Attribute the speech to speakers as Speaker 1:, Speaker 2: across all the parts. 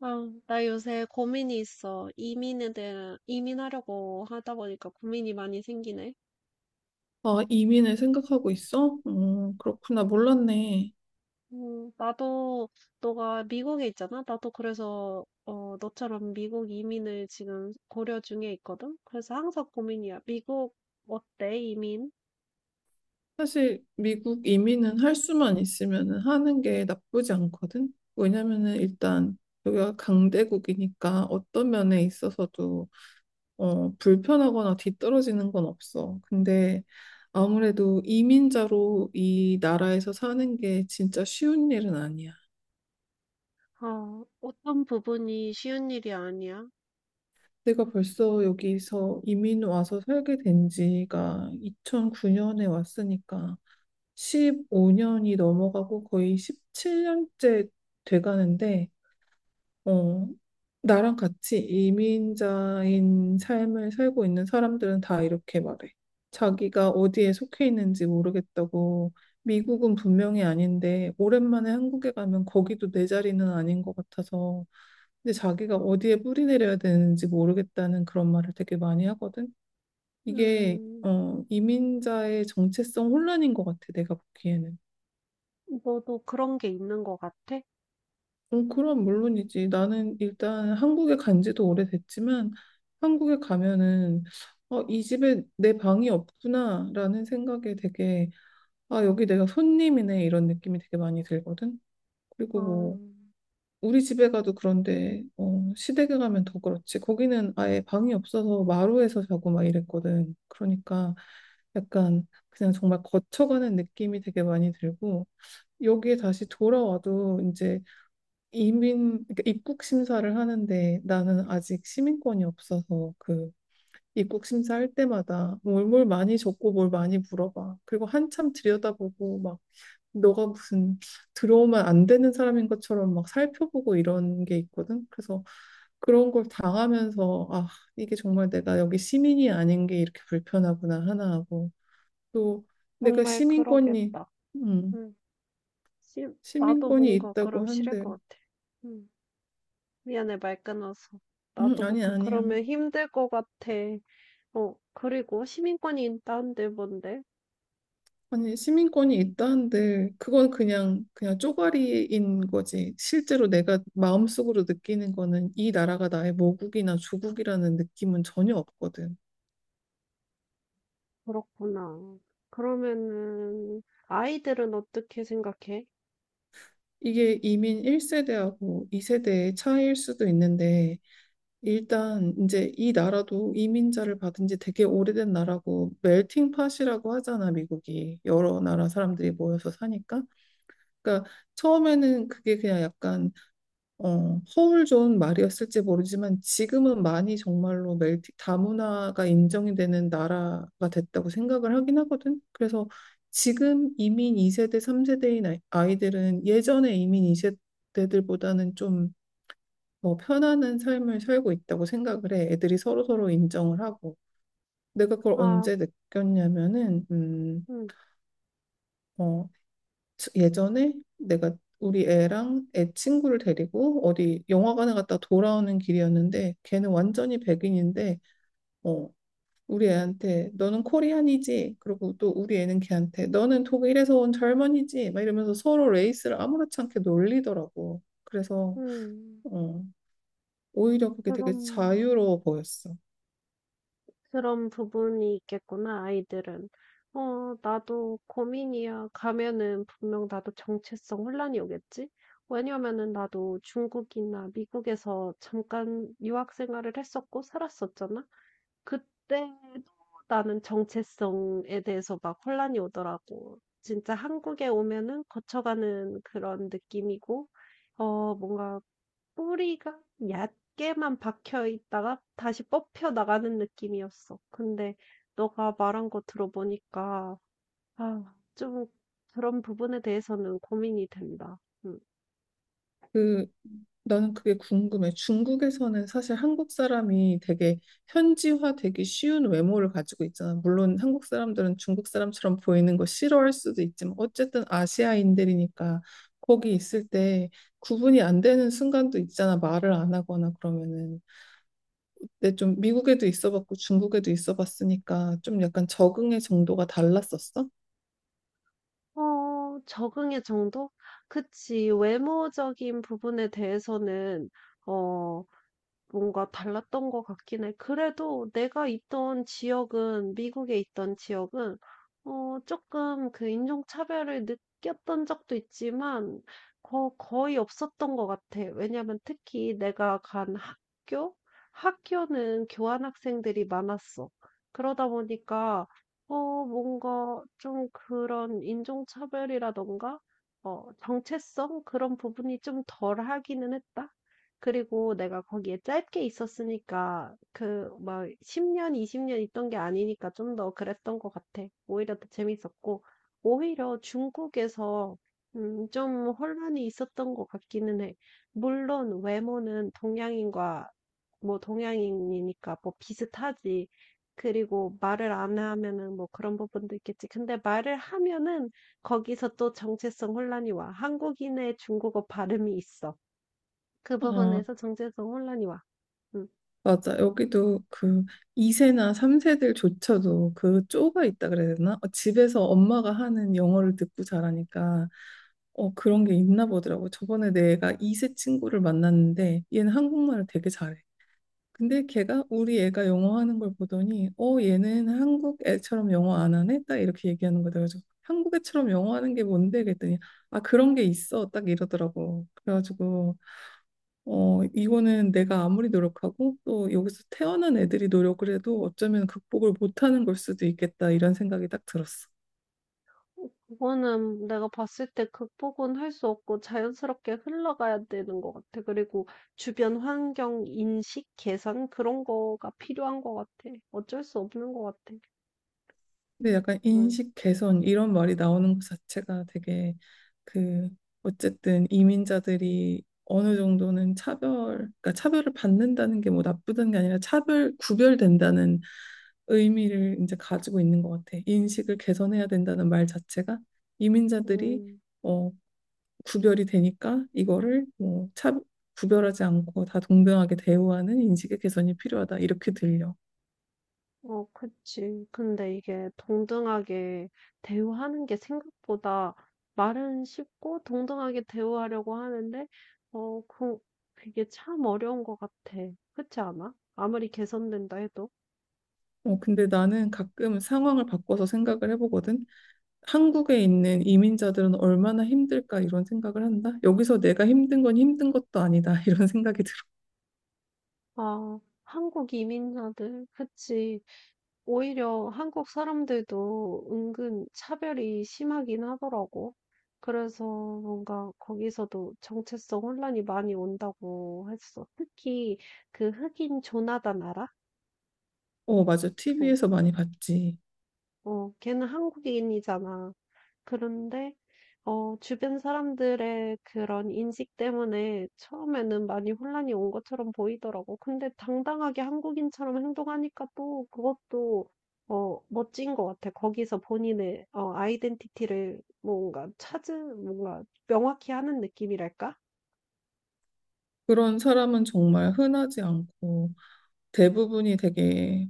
Speaker 1: 아, 나 요새 고민이 있어. 이민에 대한, 이민하려고 하다 보니까 고민이 많이 생기네.
Speaker 2: 아, 이민을 생각하고 있어? 그렇구나. 몰랐네.
Speaker 1: 나도, 너가 미국에 있잖아? 나도 그래서, 어, 너처럼 미국 이민을 지금 고려 중에 있거든? 그래서 항상 고민이야. 미국, 어때, 이민?
Speaker 2: 사실 미국 이민은 할 수만 있으면은 하는 게 나쁘지 않거든. 왜냐면은 일단 여기가 강대국이니까 어떤 면에 있어서도 불편하거나 뒤떨어지는 건 없어. 근데 아무래도 이민자로 이 나라에서 사는 게 진짜 쉬운 일은 아니야.
Speaker 1: 어, 어떤 부분이 쉬운 일이 아니야?
Speaker 2: 내가 벌써 여기서 이민 와서 살게 된 지가 2009년에 왔으니까 15년이 넘어가고 거의 17년째 돼가는데, 어, 나랑 같이 이민자인 삶을 살고 있는 사람들은 다 이렇게 말해. 자기가 어디에 속해 있는지 모르겠다고. 미국은 분명히 아닌데, 오랜만에 한국에 가면 거기도 내 자리는 아닌 것 같아서, 근데 자기가 어디에 뿌리 내려야 되는지 모르겠다는 그런 말을 되게 많이 하거든. 이게,
Speaker 1: 음,
Speaker 2: 어, 이민자의 정체성 혼란인 것 같아, 내가 보기에는.
Speaker 1: 너도 그런 게 있는 것 같아?
Speaker 2: 그럼 물론이지. 나는 일단 한국에 간 지도 오래됐지만 한국에 가면은 이 집에 내 방이 없구나라는 생각에 되게 아, 여기 내가 손님이네 이런 느낌이 되게 많이 들거든. 그리고
Speaker 1: 어,
Speaker 2: 뭐 우리 집에 가도 그런데 시댁에 가면 더 그렇지. 거기는 아예 방이 없어서 마루에서 자고 막 이랬거든. 그러니까 약간 그냥 정말 거쳐가는 느낌이 되게 많이 들고 여기에 다시 돌아와도 이제 이민, 그러니까 입국 심사를 하는데 나는 아직 시민권이 없어서 그 입국 심사할 때마다 뭘 많이 적고 뭘 많이 물어봐. 그리고 한참 들여다보고 막 너가 무슨 들어오면 안 되는 사람인 것처럼 막 살펴보고 이런 게 있거든. 그래서 그런 걸 당하면서 아, 이게 정말 내가 여기 시민이 아닌 게 이렇게 불편하구나 하나 하고 또 내가
Speaker 1: 정말 그러겠다.
Speaker 2: 음,
Speaker 1: 음, 시- 나도
Speaker 2: 시민권이
Speaker 1: 뭔가
Speaker 2: 있다고
Speaker 1: 그럼 싫을
Speaker 2: 한들
Speaker 1: 것 같아. 음. 미안해, 말 끊어서. 나도 못
Speaker 2: 아니,
Speaker 1: 가.
Speaker 2: 아니야.
Speaker 1: 그러면 힘들 것 같아. 어, 그리고 시민권이 있다는데 뭔데?
Speaker 2: 아니, 시민권이 있다는데, 그건 그냥 쪼가리인 거지. 실제로 내가 마음속으로 느끼는 거는 이 나라가 나의 모국이나 조국이라는 느낌은 전혀 없거든.
Speaker 1: 그렇구나. 그러면은, 아이들은 어떻게 생각해?
Speaker 2: 이게 이민 1세대하고 2세대의 차이일 수도 있는데, 일단 이제 이 나라도 이민자를 받은 지 되게 오래된 나라고, 멜팅 팟이라고 하잖아, 미국이. 여러 나라 사람들이 모여서 사니까. 그러니까 처음에는 그게 그냥 약간 허울 좋은 말이었을지 모르지만 지금은 많이 정말로 멜티 다문화가 인정이 되는 나라가 됐다고 생각을 하긴 하거든. 그래서 지금 이민 2세대, 3세대인 아이들은 예전에 이민 2세대들보다는 좀 뭐 편안한 삶을 살고 있다고 생각을 해. 애들이 서로서로 인정을 하고. 내가 그걸
Speaker 1: 아,
Speaker 2: 언제 느꼈냐면은,
Speaker 1: 음,
Speaker 2: 어, 예전에 내가 우리 애랑 애 친구를 데리고 어디 영화관에 갔다 돌아오는 길이었는데 걔는 완전히 백인인데 어 우리 애한테 너는 코리안이지. 그리고 또 우리 애는 걔한테 너는 독일에서 온 젊은이지 막 이러면서 서로 레이스를 아무렇지 않게 놀리더라고. 그래서
Speaker 1: 음,
Speaker 2: 어 오히려 그게 되게
Speaker 1: 그런,
Speaker 2: 자유로워 보였어.
Speaker 1: 그런 부분이 있겠구나, 아이들은. 어, 나도 고민이야. 가면은 분명 나도 정체성 혼란이 오겠지? 왜냐면은 나도 중국이나 미국에서 잠깐 유학 생활을 했었고 살았었잖아. 그때도 나는 정체성에 대해서 막 혼란이 오더라고. 진짜 한국에 오면은 거쳐가는 그런 느낌이고, 어, 뭔가 뿌리가 얕게만 박혀 있다가 다시 뽑혀 나가는 느낌이었어. 근데 너가 말한 거 들어보니까, 아, 좀 그런 부분에 대해서는 고민이 된다. 음.
Speaker 2: 그 나는 그게 궁금해. 중국에서는 사실 한국 사람이 되게 현지화 되기 쉬운 외모를 가지고 있잖아. 물론 한국 사람들은 중국 사람처럼 보이는 거 싫어할 수도 있지만 어쨌든 아시아인들이니까 거기 있을 때 구분이 안 되는 순간도 있잖아. 말을 안 하거나 그러면은. 근데 좀 미국에도 있어 봤고 중국에도 있어 봤으니까 좀 약간 적응의 정도가 달랐었어?
Speaker 1: 어, 적응의 정도? 그치. 외모적인 부분에 대해서는, 어, 뭔가 달랐던 것 같긴 해. 그래도 내가 있던 지역은 미국에 있던 지역은 어 조금 그 인종차별을 느꼈던 적도 있지만 거 거의 없었던 것 같아. 왜냐면 특히 내가 간 학교? 학교는 교환 학생들이 많았어. 그러다 보니까 어 뭔가 좀 그런 인종차별이라든가 어 정체성 그런 부분이 좀 덜하기는 했다. 그리고 내가 거기에 짧게 있었으니까 그 막 10년, 20년 있던 게 아니니까 좀 더 그랬던 것 같아. 오히려 더 재밌었고, 오히려 중국에서 좀 혼란이 있었던 것 같기는 해. 물론 외모는 동양인과 뭐 동양인이니까 뭐 비슷하지. 그리고 말을 안 하면은 뭐 그런 부분도 있겠지. 근데 말을 하면은 거기서 또 정체성 혼란이 와. 한국인의 중국어 발음이 있어. 그
Speaker 2: 아,
Speaker 1: 부분에서 정체성 혼란이 와. 음.
Speaker 2: 맞아. 여기도 그 2세나 3세들조차도 그 쪼가 있다 그래야 되나? 집에서 엄마가 하는 영어를 듣고 자라니까 그런 게 있나 보더라고. 저번에 내가 2세 친구를 만났는데 얘는 한국말을 되게 잘해. 근데 걔가 우리 애가 영어 하는 걸 보더니 얘는 한국 애처럼 영어 안 하네? 딱 이렇게 얘기하는 거다. 그래서 한국 애처럼 영어 하는 게 뭔데? 그랬더니 아, 그런 게 있어. 딱 이러더라고. 그래가지고 이거는 내가 아무리 노력하고 또 여기서 태어난 애들이 노력을 해도 어쩌면 극복을 못하는 걸 수도 있겠다 이런 생각이 딱 들었어.
Speaker 1: 그거는 내가 봤을 때 극복은 할 수 없고 자연스럽게 흘러가야 되는 것 같아. 그리고 주변 환경 인식 개선 그런 거가 필요한 것 같아. 어쩔 수 없는 것 같아.
Speaker 2: 근데 약간
Speaker 1: 음.
Speaker 2: 인식 개선 이런 말이 나오는 것 자체가 되게 그 어쨌든 이민자들이 어느 정도는 차별, 그러니까 차별을 받는다는 게 뭐 나쁘다는 게 아니라 차별, 구별된다는 의미를 이제 가지고 있는 것 같아. 인식을 개선해야 된다는 말 자체가 이민자들이
Speaker 1: 음.
Speaker 2: 어, 구별이 되니까 이거를 뭐 구별하지 않고 다 동등하게 대우하는 인식의 개선이 필요하다. 이렇게 들려.
Speaker 1: 어, 그치. 근데 이게 동등하게 대우하는 게 생각보다 말은 쉽고 동등하게 대우하려고 하는데, 어, 그, 그게 참 어려운 것 같아. 그렇지 않아? 아무리 개선된다 해도.
Speaker 2: 근데 나는 가끔 상황을 바꿔서 생각을 해보거든. 한국에 있는 이민자들은 얼마나 힘들까 이런 생각을 한다. 여기서 내가 힘든 건 힘든 것도 아니다. 이런 생각이 들어.
Speaker 1: 아, 한국 이민자들, 그치. 오히려 한국 사람들도 은근 차별이 심하긴 하더라고. 그래서 뭔가 거기서도 정체성 혼란이 많이 온다고 했어. 특히 그 흑인 조나단 알아?
Speaker 2: 어, 맞아.
Speaker 1: 어,
Speaker 2: TV에서 많이 봤지.
Speaker 1: 어, 걔는 한국인이잖아. 그런데 어 주변 사람들의 그런 인식 때문에 처음에는 많이 혼란이 온 것처럼 보이더라고. 근데 당당하게 한국인처럼 행동하니까 또 그것도 어 멋진 것 같아. 거기서 본인의 어 아이덴티티를 뭔가 찾은 뭔가 명확히 하는 느낌이랄까?
Speaker 2: 그런 사람은 정말 흔하지 않고 대부분이 되게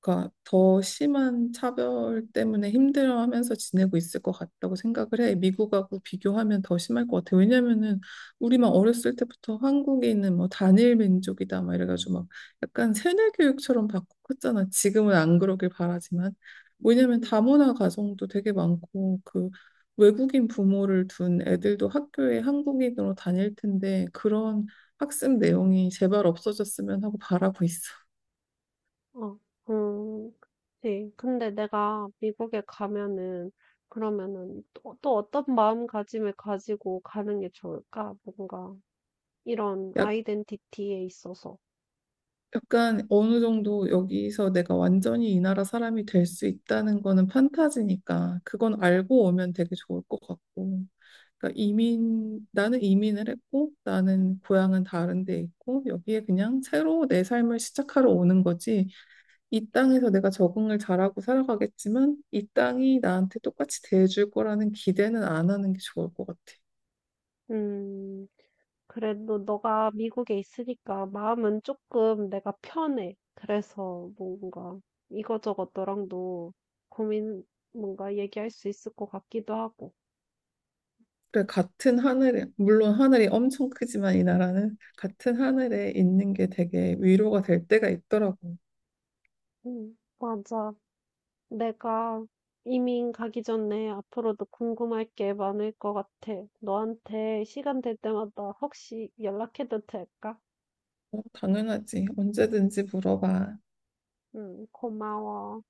Speaker 2: 그러니까 더 심한 차별 때문에 힘들어하면서 지내고 있을 것 같다고 생각을 해. 미국하고 비교하면 더 심할 것 같아. 왜냐면은 우리만 어렸을 때부터 한국에 있는 뭐 단일 민족이다 막 이래가지고 막 약간 세뇌 교육처럼 받고 컸잖아. 지금은 안 그러길 바라지만. 왜냐면
Speaker 1: 음.
Speaker 2: 다문화 가정도 되게 많고 그 외국인 부모를 둔 애들도 학교에 한국인으로 다닐 텐데 그런 학습 내용이 제발 없어졌으면 하고 바라고 있어.
Speaker 1: 어. 음. 네. 근데 내가 미국에 가면은 그러면은 또, 또 어떤 마음가짐을 가지고 가는 게 좋을까? 뭔가 이런 아이덴티티에 있어서.
Speaker 2: 약간 어느 정도 여기서 내가 완전히 이 나라 사람이 될 수 있다는 거는 판타지니까 그건 알고 오면 되게 좋을 것 같고. 그러니까 이민, 나는 이민을 했고 나는 고향은 다른 데 있고 여기에 그냥 새로 내 삶을 시작하러 오는 거지. 이 땅에서 내가 적응을 잘하고 살아가겠지만 이 땅이 나한테 똑같이 대해줄 거라는 기대는 안 하는 게 좋을 것 같아.
Speaker 1: 음, 그래도 너가 미국에 있으니까 마음은 조금 내가 편해. 그래서 뭔가 이거저것 너랑도 고민 뭔가 얘기할 수 있을 것 같기도 하고.
Speaker 2: 그래, 같은 하늘에, 물론 하늘이 엄청 크지만 이 나라는 같은 하늘에 있는 게 되게 위로가 될 때가 있더라고.
Speaker 1: 맞아. 내가 이민 가기 전에 앞으로도 궁금할 게 많을 것 같아. 너한테 시간 될 때마다 혹시 연락해도 될까?
Speaker 2: 어, 당연하지. 언제든지 물어봐.
Speaker 1: 고마워.